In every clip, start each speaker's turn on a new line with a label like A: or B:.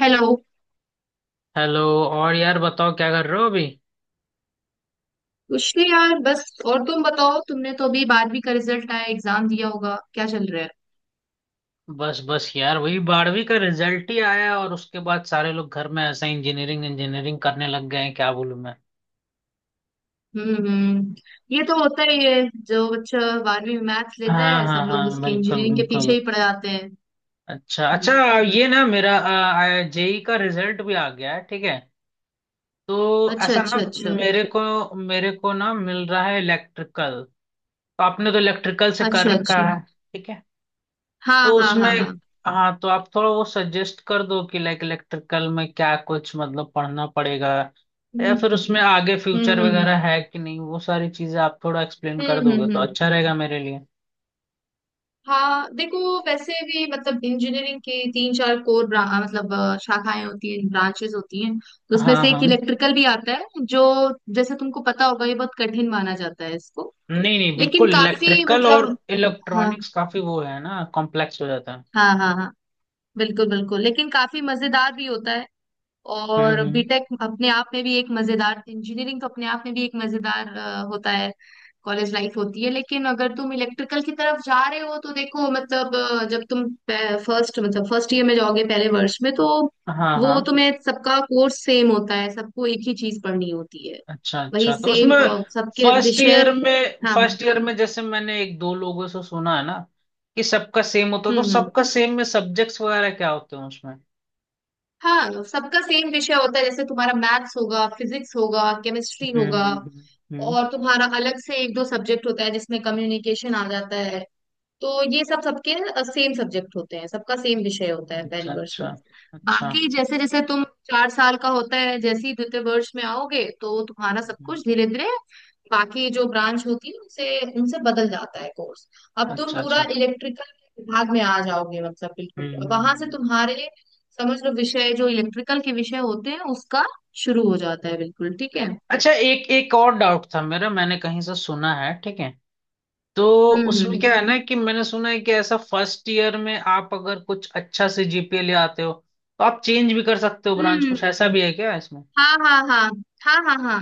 A: Hello.
B: Hello. और यार बताओ, क्या कर रहे हो अभी?
A: कुछ नहीं यार, बस। और तुम बताओ, तुमने तो अभी बारहवीं का रिजल्ट आया, एग्जाम दिया होगा, क्या चल रहा है?
B: बस बस यार, वही 12वीं का रिजल्ट ही आया और उसके बाद सारे लोग घर में ऐसा इंजीनियरिंग इंजीनियरिंग करने लग गए हैं। क्या बोलूं मैं।
A: हम्म। हम्म। ये तो होता ही है। जो बच्चा बारहवीं में मैथ्स लेता
B: हाँ
A: है,
B: हाँ
A: सब लोग
B: हाँ,
A: उसके
B: बिल्कुल
A: इंजीनियरिंग के पीछे
B: बिल्कुल।
A: ही पड़ जाते हैं।
B: अच्छा अच्छा।
A: हम्म।
B: ये ना, मेरा JEE का रिजल्ट भी आ गया है, ठीक है? तो
A: अच्छा
B: ऐसा ना,
A: अच्छा अच्छा
B: मेरे को ना मिल रहा है इलेक्ट्रिकल। तो आपने तो इलेक्ट्रिकल से कर
A: अच्छा
B: रखा
A: अच्छा।
B: है, ठीक है?
A: हाँ
B: तो
A: हाँ
B: उसमें,
A: हाँ हाँ।
B: हाँ तो आप थोड़ा वो सजेस्ट कर दो कि लाइक इलेक्ट्रिकल में क्या कुछ मतलब पढ़ना पड़ेगा या
A: हम्म
B: फिर उसमें आगे फ्यूचर
A: हम्म हम्म
B: वगैरह है कि नहीं, वो सारी चीजें आप थोड़ा एक्सप्लेन कर दोगे तो
A: हम्म।
B: अच्छा रहेगा मेरे लिए।
A: हाँ देखो, वैसे भी मतलब इंजीनियरिंग के तीन चार कोर मतलब शाखाएं होती हैं, ब्रांचेस होती हैं, तो उसमें
B: हाँ
A: से एक
B: हाँ।
A: इलेक्ट्रिकल भी आता है। जो, जैसे तुमको पता होगा, ये बहुत कठिन माना जाता है इसको,
B: नहीं नहीं,
A: लेकिन
B: बिल्कुल,
A: काफी
B: इलेक्ट्रिकल और
A: मतलब। हाँ
B: इलेक्ट्रॉनिक्स काफी वो है ना, कॉम्प्लेक्स हो जाता है।
A: हाँ हाँ हाँ, बिल्कुल बिल्कुल, लेकिन काफी मजेदार भी होता है। और
B: हम्म।
A: बीटेक अपने आप में भी एक मजेदार, इंजीनियरिंग तो अपने आप में भी एक मजेदार होता है। कॉलेज लाइफ होती है, लेकिन अगर तुम इलेक्ट्रिकल की तरफ जा रहे हो, तो देखो मतलब जब तुम फर्स्ट मतलब फर्स्ट ईयर में जाओगे, पहले वर्ष में, तो
B: हाँ
A: वो
B: हाँ।
A: तुम्हें सबका कोर्स सेम होता है, सबको एक ही चीज पढ़नी होती है।
B: अच्छा
A: वही
B: अच्छा, तो
A: सेम
B: उसमें
A: सबके
B: फर्स्ट
A: विषय।
B: ईयर में
A: हाँ हाँ।
B: फर्स्ट ईयर में जैसे मैंने एक दो लोगों से सुना है ना कि सबका सेम होता है, तो
A: हम्म।
B: सबका सेम में सब्जेक्ट्स वगैरह क्या होते हैं उसमें?
A: हाँ, सबका सेम विषय होता है, जैसे तुम्हारा मैथ्स होगा, फिजिक्स होगा, केमिस्ट्री
B: हम्म
A: होगा,
B: हम्म हम्म,
A: और तुम्हारा अलग से एक दो सब्जेक्ट होता है जिसमें कम्युनिकेशन आ जाता है। तो ये सब सबके सेम सब्जेक्ट होते हैं, सबका सेम विषय होता है पहली
B: अच्छा
A: वर्ष
B: अच्छा
A: में।
B: अच्छा।
A: बाकी जैसे जैसे तुम, चार साल का होता है, जैसे ही द्वितीय वर्ष में आओगे तो तुम्हारा सब
B: हम्म,
A: कुछ धीरे धीरे बाकी जो ब्रांच होती है उनसे उनसे बदल जाता है कोर्स। अब तुम
B: अच्छा
A: पूरा
B: अच्छा।
A: इलेक्ट्रिकल विभाग में आ जाओगे, मतलब
B: हम्म
A: बिल्कुल, अब
B: हम्म,
A: वहां से
B: हम्म।
A: तुम्हारे समझ लो विषय जो इलेक्ट्रिकल के विषय होते हैं उसका शुरू हो जाता है, बिल्कुल ठीक है।
B: अच्छा, एक एक और डाउट था मेरा। मैंने कहीं से सुना है, ठीक है? तो
A: हम्म
B: उसमें
A: हम्म
B: क्या है ना, कि मैंने सुना है कि ऐसा फर्स्ट ईयर में आप अगर कुछ अच्छा से GPA ले आते हो तो आप चेंज भी कर सकते हो ब्रांच,
A: हम्म।
B: कुछ ऐसा भी है क्या इसमें?
A: हाँ हाँ हाँ हाँ। हाँ हाँ।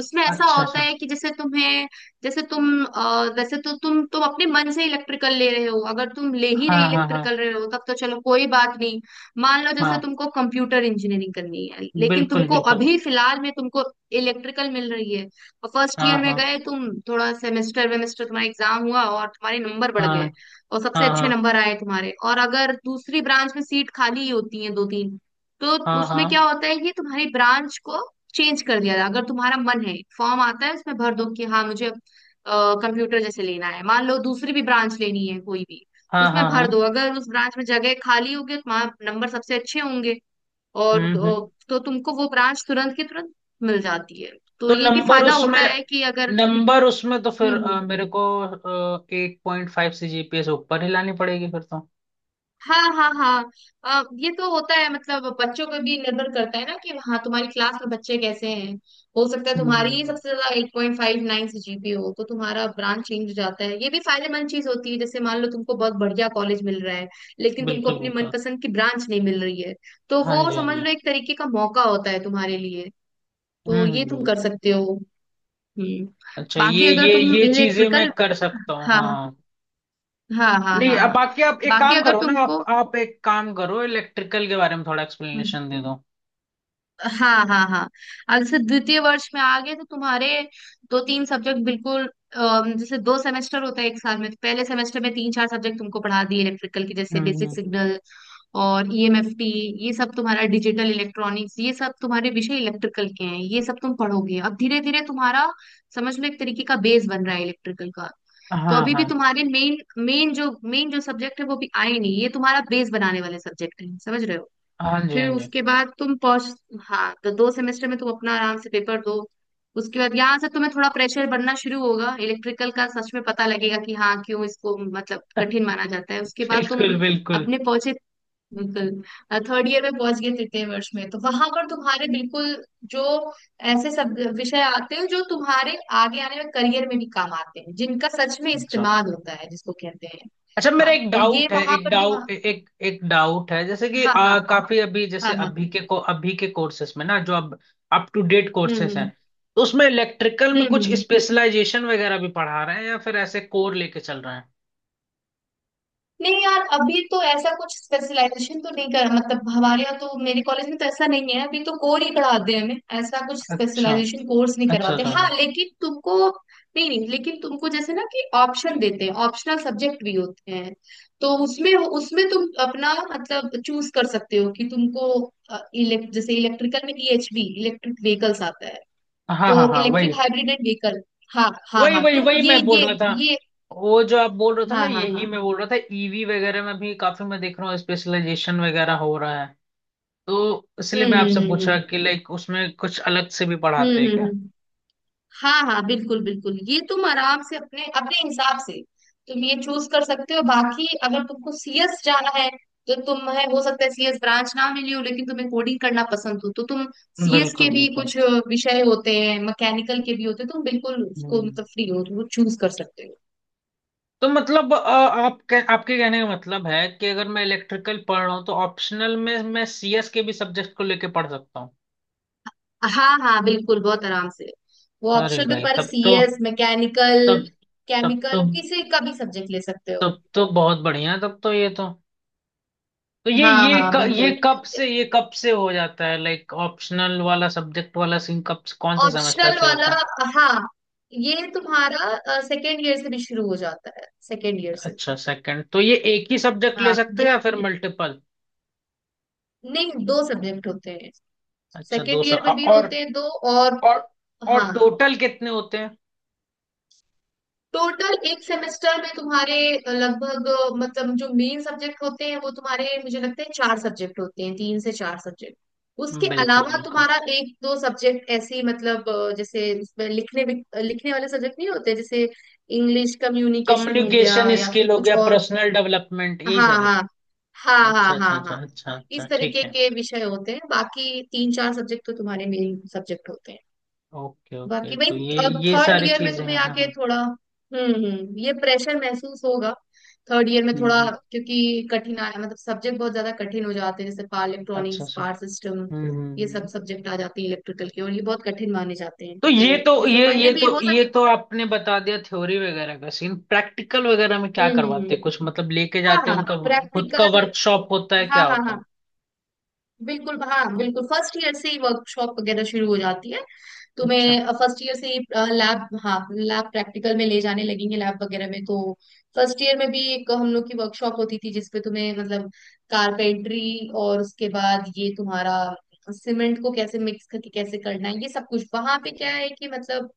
A: उसमें ऐसा
B: अच्छा अच्छा।
A: होता है कि जैसे तुम्हें, जैसे तुम वैसे तो तुम अपने मन से इलेक्ट्रिकल ले रहे हो, अगर तुम ले ही रहे
B: हाँ हाँ हाँ
A: इलेक्ट्रिकल रहे हो तब तो चलो कोई बात नहीं। मान लो जैसे
B: हाँ,
A: तुमको कंप्यूटर इंजीनियरिंग करनी है, लेकिन
B: बिल्कुल
A: तुमको
B: बिल्कुल।
A: अभी फिलहाल में तुमको इलेक्ट्रिकल मिल रही है, और फर्स्ट
B: हाँ
A: ईयर में
B: हाँ
A: गए तुम, थोड़ा सेमेस्टर वेमेस्टर तुम्हारा एग्जाम हुआ और तुम्हारे नंबर बढ़
B: हाँ
A: गए, और सबसे
B: हाँ
A: अच्छे
B: हाँ
A: नंबर आए तुम्हारे, और अगर दूसरी ब्रांच में सीट खाली ही होती है दो तीन, तो
B: हाँ
A: उसमें क्या
B: हाँ
A: होता है कि तुम्हारी ब्रांच को चेंज कर दिया था। अगर तुम्हारा मन है, फॉर्म आता है, उसमें भर दो कि हाँ मुझे कंप्यूटर जैसे लेना है, मान लो दूसरी भी ब्रांच लेनी है कोई भी, तो
B: हाँ
A: उसमें
B: हाँ
A: भर दो,
B: हाँ,
A: अगर उस ब्रांच में जगह खाली होगी तो वहां नंबर सबसे अच्छे होंगे, और
B: हम्म।
A: तो तुमको वो ब्रांच तुरंत की तुरंत मिल जाती है। तो
B: तो
A: ये भी
B: नंबर
A: फायदा
B: उसमें,
A: होता है कि अगर।
B: तो
A: हम्म
B: फिर
A: हम्म।
B: मेरे को 8.5 से GPA से ऊपर ही लानी पड़ेगी फिर तो।
A: हाँ हाँ हाँ। ये तो होता है, मतलब बच्चों पे भी निर्भर करता है ना कि हाँ तुम्हारी क्लास में बच्चे कैसे हैं। हो सकता है
B: हम्म हम्म,
A: तुम्हारी ही
B: हम्म,
A: सबसे ज्यादा 8.59 से जीपी हो, तो तुम्हारा ब्रांच चेंज हो जाता है। ये भी फायदेमंद चीज होती है, जैसे मान लो तुमको बहुत बढ़िया कॉलेज मिल रहा है, लेकिन तुमको
B: बिल्कुल
A: अपनी
B: बिल्कुल।
A: मनपसंद की ब्रांच नहीं मिल रही है, तो
B: हाँ
A: वो
B: जी हाँ
A: समझ
B: जी।
A: लो एक तरीके का मौका होता है तुम्हारे लिए।
B: हम्म
A: तो
B: हम्म
A: ये तुम
B: हम्म।
A: कर सकते हो। हम्म।
B: अच्छा, ये
A: बाकी अगर
B: ये
A: तुम
B: ये चीजें
A: इलेक्ट्रिकल।
B: मैं कर सकता हूँ
A: हाँ
B: हाँ।
A: हाँ हाँ
B: नहीं,
A: हाँ
B: अब
A: हाँ।
B: बाकी आप एक
A: बाकी
B: काम
A: अगर
B: करो ना, आप
A: तुमको।
B: आप एक काम करो, इलेक्ट्रिकल के बारे में थोड़ा
A: हम्म।
B: एक्सप्लेनेशन दे दो।
A: हाँ हाँ हाँ। अब जैसे द्वितीय वर्ष में आ गए तो तुम्हारे दो तीन सब्जेक्ट बिल्कुल जैसे दो सेमेस्टर होता है एक साल में, तो पहले सेमेस्टर में तीन चार सब्जेक्ट तुमको पढ़ा दिए इलेक्ट्रिकल के, जैसे
B: हम्म
A: बेसिक
B: हम्म,
A: सिग्नल और ईएमएफटी, ये सब तुम्हारा डिजिटल इलेक्ट्रॉनिक्स, ये सब तुम्हारे विषय इलेक्ट्रिकल के हैं, ये सब तुम पढ़ोगे। अब धीरे धीरे तुम्हारा समझ लो एक तरीके का बेस बन रहा है इलेक्ट्रिकल का। तो
B: हाँ
A: अभी भी
B: हाँ।
A: तुम्हारे मेन, मेन जो सब्जेक्ट है वो भी आए नहीं, ये तुम्हारा बेस बनाने वाले सब्जेक्ट है, समझ रहे हो।
B: हाँ जी हाँ
A: फिर
B: जी।
A: उसके बाद तुम पहुंच। हाँ, तो दो सेमेस्टर में तुम अपना आराम से पेपर दो। उसके बाद यहाँ से तुम्हें थोड़ा प्रेशर बढ़ना शुरू होगा, इलेक्ट्रिकल का सच में पता लगेगा कि हाँ क्यों इसको मतलब कठिन माना जाता है। उसके बाद तुम
B: बिल्कुल बिल्कुल।
A: अपने पहुंचे बिल्कुल थर्ड ईयर में पहुंच गए, तृतीय वर्ष में, तो वहां पर तुम्हारे बिल्कुल जो ऐसे सब विषय आते हैं जो तुम्हारे आगे आने में करियर में भी काम आते हैं, जिनका सच में
B: अच्छा
A: इस्तेमाल होता है, जिसको कहते हैं।
B: अच्छा, मेरा
A: हाँ
B: एक
A: तो ये
B: डाउट है,
A: वहां पर तुम।
B: जैसे कि
A: हाँ हाँ
B: काफी अभी जैसे
A: हाँ। हाँ हाँ।
B: अभी के कोर्सेस में ना, जो अब अप टू डेट
A: हम्म
B: कोर्सेस हैं,
A: हम्म
B: तो उसमें इलेक्ट्रिकल में कुछ
A: हम्म।
B: स्पेशलाइजेशन वगैरह भी पढ़ा रहे हैं या फिर ऐसे कोर लेके चल रहे हैं?
A: नहीं यार, अभी तो ऐसा कुछ स्पेशलाइजेशन तो नहीं कर, मतलब हमारे यहाँ तो, मेरे कॉलेज में तो ऐसा नहीं है। अभी तो कोर ही पढ़ाते हैं हमें, ऐसा कुछ
B: अच्छा
A: स्पेशलाइजेशन कोर्स नहीं
B: अच्छा
A: करवाते।
B: अच्छा
A: हाँ
B: अच्छा।
A: लेकिन तुमको, नहीं नहीं, लेकिन तुमको जैसे ना कि ऑप्शन देते हैं, ऑप्शनल सब्जेक्ट भी होते हैं। तो उसमें उसमें तुम अपना मतलब चूज कर सकते हो कि तुमको जैसे इलेक्ट्रिकल में ईएचवी, इलेक्ट्रिक व्हीकल्स आता है।
B: हाँ हाँ
A: तो
B: हाँ, वही
A: इलेक्ट्रिक हाइब्रिड एंड व्हीकल। हाँ हाँ
B: वही
A: हाँ
B: वही
A: तुम
B: वही
A: ये
B: मैं बोल
A: ये
B: रहा था।
A: ये
B: वो जो आप बोल रहे थे
A: हाँ
B: ना,
A: हाँ
B: यही
A: हाँ।
B: मैं बोल रहा था। EV वगैरह में भी काफी मैं देख रहा हूँ स्पेशलाइजेशन वगैरह हो रहा है, तो इसलिए मैं
A: हम्म हम्म
B: आपसे
A: हम्म
B: पूछा कि लाइक उसमें कुछ अलग से भी
A: हम्म
B: पढ़ाते
A: हम्म
B: हैं
A: हम्म
B: क्या?
A: हम्म। हाँ हाँ बिल्कुल बिल्कुल, ये तुम आराम से अपने अपने हिसाब से तुम ये चूज कर सकते हो। बाकी अगर तुमको सीएस जाना है, तो तुम्हें हो सकता है सीएस ब्रांच ना मिली हो, लेकिन तुम्हें कोडिंग करना पसंद हो, तो तुम सीएस के
B: बिल्कुल
A: भी
B: बिल्कुल।
A: कुछ विषय होते हैं, मैकेनिकल के भी होते हैं, तुम बिल्कुल उसको
B: हम्म।
A: मतलब फ्री हो, तुम चूज कर सकते हो।
B: तो मतलब आपके कहने का मतलब है कि अगर मैं इलेक्ट्रिकल पढ़ रहा हूँ तो ऑप्शनल में मैं CS के भी सब्जेक्ट को लेके पढ़ सकता हूँ।
A: हाँ हाँ बिल्कुल, बहुत आराम से। वो
B: अरे
A: ऑप्शन पे,
B: भाई,
A: पर सीएस, मैकेनिकल,
B: तब तब तो
A: केमिकल किसी का भी सब्जेक्ट ले सकते हो।
B: तब तो बहुत बढ़िया है। तब तो
A: हाँ
B: ये
A: हाँ
B: क, ये
A: बिल्कुल।
B: कब से हो जाता है लाइक ऑप्शनल वाला सब्जेक्ट वाला सीन, कौन से सेमेस्टर
A: ऑप्शनल
B: से
A: वाला।
B: होता है?
A: हाँ, ये तुम्हारा सेकेंड ईयर से भी शुरू हो जाता है, सेकेंड ईयर से।
B: अच्छा सेकंड। तो ये एक ही सब्जेक्ट ले
A: हाँ
B: सकते हैं या फिर मल्टीपल?
A: नहीं, दो सब्जेक्ट होते हैं,
B: अच्छा, दो
A: सेकेंड
B: सब।
A: ईयर में भी होते हैं दो। और।
B: और और
A: हाँ।
B: टोटल कितने होते हैं?
A: टोटल एक सेमेस्टर में तुम्हारे लगभग मतलब जो मेन सब्जेक्ट होते हैं वो तुम्हारे, मुझे लगता है, चार सब्जेक्ट होते हैं, तीन से चार सब्जेक्ट। उसके
B: बिल्कुल
A: अलावा
B: बिल्कुल।
A: तुम्हारा एक दो सब्जेक्ट ऐसे ही, मतलब जैसे उसमें लिखने भी, लिखने वाले सब्जेक्ट नहीं होते, जैसे इंग्लिश कम्युनिकेशन हो गया
B: कम्युनिकेशन
A: या फिर
B: स्किल हो
A: कुछ
B: गया,
A: और।
B: पर्सनल डेवलपमेंट, यही
A: हाँ
B: सारी।
A: हाँ हाँ
B: अच्छा
A: हाँ हाँ
B: अच्छा अच्छा
A: हाँ।
B: अच्छा अच्छा,
A: इस
B: ठीक
A: तरीके
B: है।
A: के विषय होते हैं, बाकी तीन चार सब्जेक्ट तो तुम्हारे मेन सब्जेक्ट होते हैं।
B: ओके ओके,
A: बाकी भाई,
B: तो ये
A: अब
B: ये
A: थर्ड
B: सारी
A: ईयर में
B: चीजें
A: तुम्हें
B: हैं, हाँ
A: आके
B: हाँ।
A: थोड़ा ये प्रेशर महसूस होगा, थर्ड ईयर में
B: हम्म,
A: थोड़ा,
B: हम्म,
A: क्योंकि कठिनाई मतलब सब्जेक्ट बहुत ज्यादा कठिन हो जाते हैं, जैसे पावर
B: अच्छा
A: इलेक्ट्रॉनिक्स,
B: अच्छा,
A: पावर सिस्टम,
B: हम्म हम्म
A: ये सब
B: हम्म।
A: सब्जेक्ट आ जाते हैं इलेक्ट्रिकल के, और ये बहुत कठिन माने जाते हैं,
B: तो
A: तो ये सब पढ़ने
B: ये तो
A: भी हो
B: ये
A: सकते।
B: तो आपने बता दिया थ्योरी वगैरह का सीन। प्रैक्टिकल वगैरह में क्या करवाते हैं,
A: हम्म।
B: कुछ मतलब लेके
A: हाँ
B: जाते हैं,
A: हाँ
B: उनका खुद का
A: प्रैक्टिकल।
B: वर्कशॉप होता है,
A: हाँ
B: क्या
A: हाँ
B: होता है?
A: हाँ बिल्कुल, हाँ बिल्कुल, फर्स्ट ईयर से ही वर्कशॉप वगैरह शुरू हो जाती है।
B: अच्छा
A: तुम्हें फर्स्ट ईयर से ही लैब, हाँ, लैब प्रैक्टिकल में ले जाने लगेंगे, लैब वगैरह में। तो फर्स्ट ईयर में भी एक हम लोग की वर्कशॉप होती थी, जिसपे तुम्हें मतलब कारपेंट्री, और उसके बाद ये तुम्हारा सीमेंट को कैसे मिक्स करके कैसे करना है, ये सब कुछ वहां पे। क्या है कि मतलब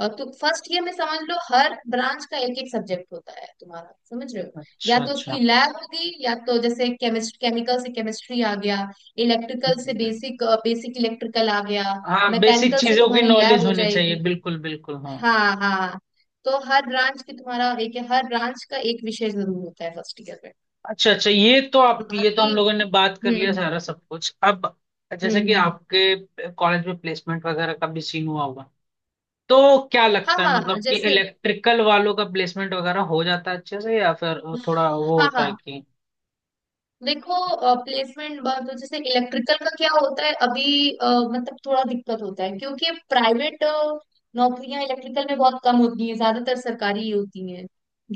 A: तो फर्स्ट ईयर में समझ लो हर ब्रांच का एक एक सब्जेक्ट होता है तुम्हारा, समझ रहे हो। या
B: अच्छा
A: तो
B: अच्छा।
A: उसकी लैब होगी, या तो जैसे केमिस्ट केमिकल से केमिस्ट्री आ गया, इलेक्ट्रिकल से
B: हम्म।
A: बेसिक बेसिक इलेक्ट्रिकल आ गया,
B: हाँ, बेसिक
A: मैकेनिकल से
B: चीजों की
A: तुम्हारी लैब
B: नॉलेज
A: हो
B: होनी चाहिए,
A: जाएगी।
B: बिल्कुल बिल्कुल हाँ।
A: हाँ हाँ। तो हर ब्रांच का एक विषय जरूर होता है फर्स्ट ईयर में।
B: अच्छा अच्छा, ये तो हम
A: बाकी।
B: लोगों ने बात कर लिया
A: हम्म
B: सारा सब कुछ। अब, जैसे कि
A: हम्म।
B: आपके कॉलेज में प्लेसमेंट वगैरह का भी सीन हुआ होगा, तो क्या
A: हाँ
B: लगता है
A: हाँ
B: मतलब कि
A: जैसे।
B: इलेक्ट्रिकल वालों का प्लेसमेंट वगैरह हो जाता है अच्छे से, या फिर वो थोड़ा वो
A: हाँ
B: होता है
A: हाँ
B: कि।
A: देखो, प्लेसमेंट बात हो जैसे, इलेक्ट्रिकल का क्या होता है अभी मतलब थोड़ा दिक्कत होता है, क्योंकि प्राइवेट नौकरियां इलेक्ट्रिकल में बहुत कम होती हैं, ज्यादातर सरकारी ही होती हैं।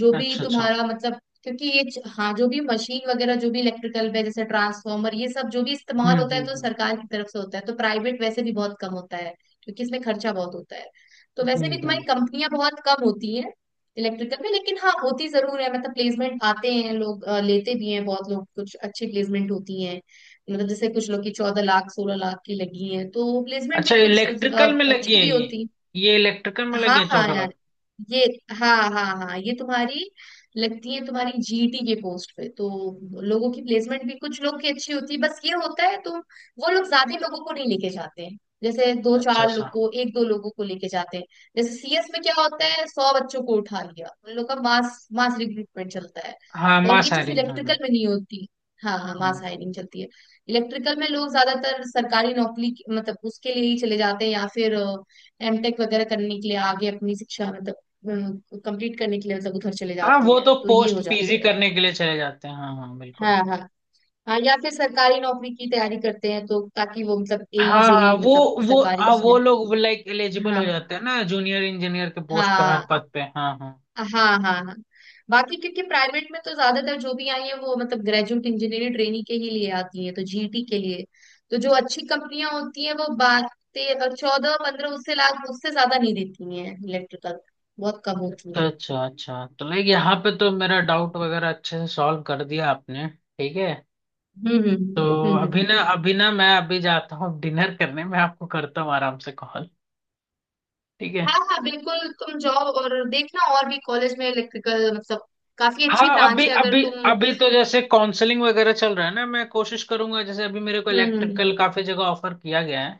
A: जो भी
B: अच्छा अच्छा,
A: तुम्हारा मतलब, क्योंकि हाँ जो भी मशीन वगैरह, जो भी इलेक्ट्रिकल पे जैसे ट्रांसफार्मर, ये सब जो भी इस्तेमाल
B: हम्म
A: होता
B: हम्म
A: है, तो
B: हम्म
A: सरकार की तरफ से होता है, तो प्राइवेट वैसे भी बहुत कम होता है, क्योंकि इसमें खर्चा बहुत होता है। तो
B: हम्म
A: वैसे भी
B: हम्म।
A: तुम्हारी कंपनियां बहुत कम होती हैं इलेक्ट्रिकल में, लेकिन हाँ होती जरूर है, मतलब प्लेसमेंट आते हैं, लोग लेते भी हैं, बहुत लोग कुछ अच्छी प्लेसमेंट होती हैं। मतलब जैसे कुछ लोग की 14 लाख, 16 लाख की लगी हैं, तो प्लेसमेंट भी
B: अच्छा
A: कुछ
B: इलेक्ट्रिकल में लगी
A: अच्छी
B: है
A: भी
B: ये?
A: होती।
B: ये इलेक्ट्रिकल में लगी
A: हाँ
B: है
A: हाँ
B: चौदह
A: यार।
B: लाख
A: ये। हाँ हाँ हाँ ये तुम्हारी लगती है, तुम्हारी जीटी के पोस्ट पे, तो लोगों की प्लेसमेंट भी कुछ लोग की अच्छी होती है। बस ये होता है तुम, वो लोग ज्यादा लोगों को नहीं लेके जाते हैं, जैसे दो
B: अच्छा
A: चार लोग
B: अच्छा।
A: को, एक दो लोगों को लेके जाते हैं। जैसे सीएस में क्या होता है, 100 बच्चों को उठा लिया, उन लोग का मास मास रिक्रूटमेंट चलता है,
B: हाँ
A: और ये
B: मास
A: चीज
B: हायरिंग, हाँ
A: इलेक्ट्रिकल
B: हाँ।
A: में नहीं होती। हाँ हाँ,
B: हम्म।
A: मास हायरिंग चलती है। इलेक्ट्रिकल में लोग ज्यादातर सरकारी नौकरी मतलब उसके लिए ही चले जाते हैं, या फिर एमटेक वगैरह करने के लिए, आगे अपनी शिक्षा मतलब कंप्लीट करने के लिए, मतलब उधर चले
B: हाँ
A: जाते
B: वो
A: हैं,
B: तो
A: तो ये हो
B: पोस्ट PG
A: जाता है।
B: करने के लिए चले जाते हैं, हाँ हाँ बिल्कुल।
A: हाँ हाँ हाँ। या फिर सरकारी नौकरी की तैयारी करते हैं, तो ताकि वो मतलब एई
B: हाँ हाँ,
A: जेई
B: वो
A: मतलब
B: वो
A: सरकारी
B: हाँ, वो
A: उसमें।
B: लोग लाइक एलिजिबल हो
A: हाँ
B: जाते हैं ना जूनियर इंजीनियर के पोस्ट पे, हर
A: हाँ
B: पद पे, हाँ हाँ।
A: हाँ हाँ हाँ। बाकी क्योंकि प्राइवेट में तो ज्यादातर जो भी आई है वो मतलब ग्रेजुएट इंजीनियरिंग ट्रेनी के ही लिए आती है, तो जीटी के लिए तो जो अच्छी कंपनियां होती हैं वो 12, 14, 15, उससे लाख उससे ज्यादा नहीं देती हैं, इलेक्ट्रिकल बहुत कम होती
B: अच्छा
A: हैं।
B: अच्छा अच्छा, तो लाइक यहाँ पे तो मेरा डाउट वगैरह अच्छे से सॉल्व कर दिया आपने, ठीक है?
A: हम्म
B: तो
A: हम्म
B: अभी
A: हम्म।
B: ना, मैं अभी जाता हूँ डिनर करने। मैं आपको करता हूँ आराम से कॉल, ठीक है?
A: हाँ हाँ बिल्कुल, तुम जाओ और देखना, और भी कॉलेज में इलेक्ट्रिकल मतलब काफी अच्छी
B: हाँ अभी
A: ब्रांच है, अगर
B: अभी
A: तुम।
B: अभी तो जैसे काउंसलिंग वगैरह चल रहा है ना, मैं कोशिश करूंगा। जैसे अभी मेरे को
A: हम्म
B: इलेक्ट्रिकल काफी जगह ऑफर किया गया है,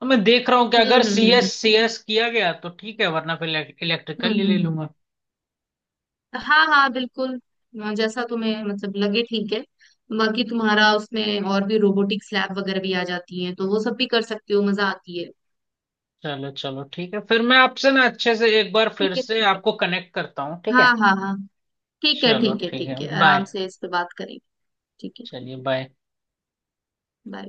B: तो मैं देख रहा हूँ कि
A: हम्म
B: अगर
A: हम्म हम्म
B: सी
A: हम्म
B: एस सी एस किया गया तो ठीक है, वरना फिर
A: हम्म।
B: इलेक्ट्रिकल ही
A: हम्म।
B: ले
A: हम्म।
B: लूंगा।
A: हाँ हाँ बिल्कुल, जैसा तुम्हें मतलब लगे, ठीक है। बाकी तुम्हारा उसमें और भी रोबोटिक्स लैब वगैरह भी आ जाती है, तो वो सब भी कर सकती हो, मजा आती है।
B: चलो चलो ठीक है, फिर मैं आपसे ना अच्छे से एक बार फिर
A: ठीक है।
B: से आपको कनेक्ट करता हूँ, ठीक
A: हाँ
B: है?
A: हाँ हाँ। ठीक है
B: चलो
A: ठीक है
B: ठीक है,
A: ठीक है, आराम
B: बाय।
A: से इस पे बात करेंगे। ठीक है।
B: चलिए बाय।
A: बाय।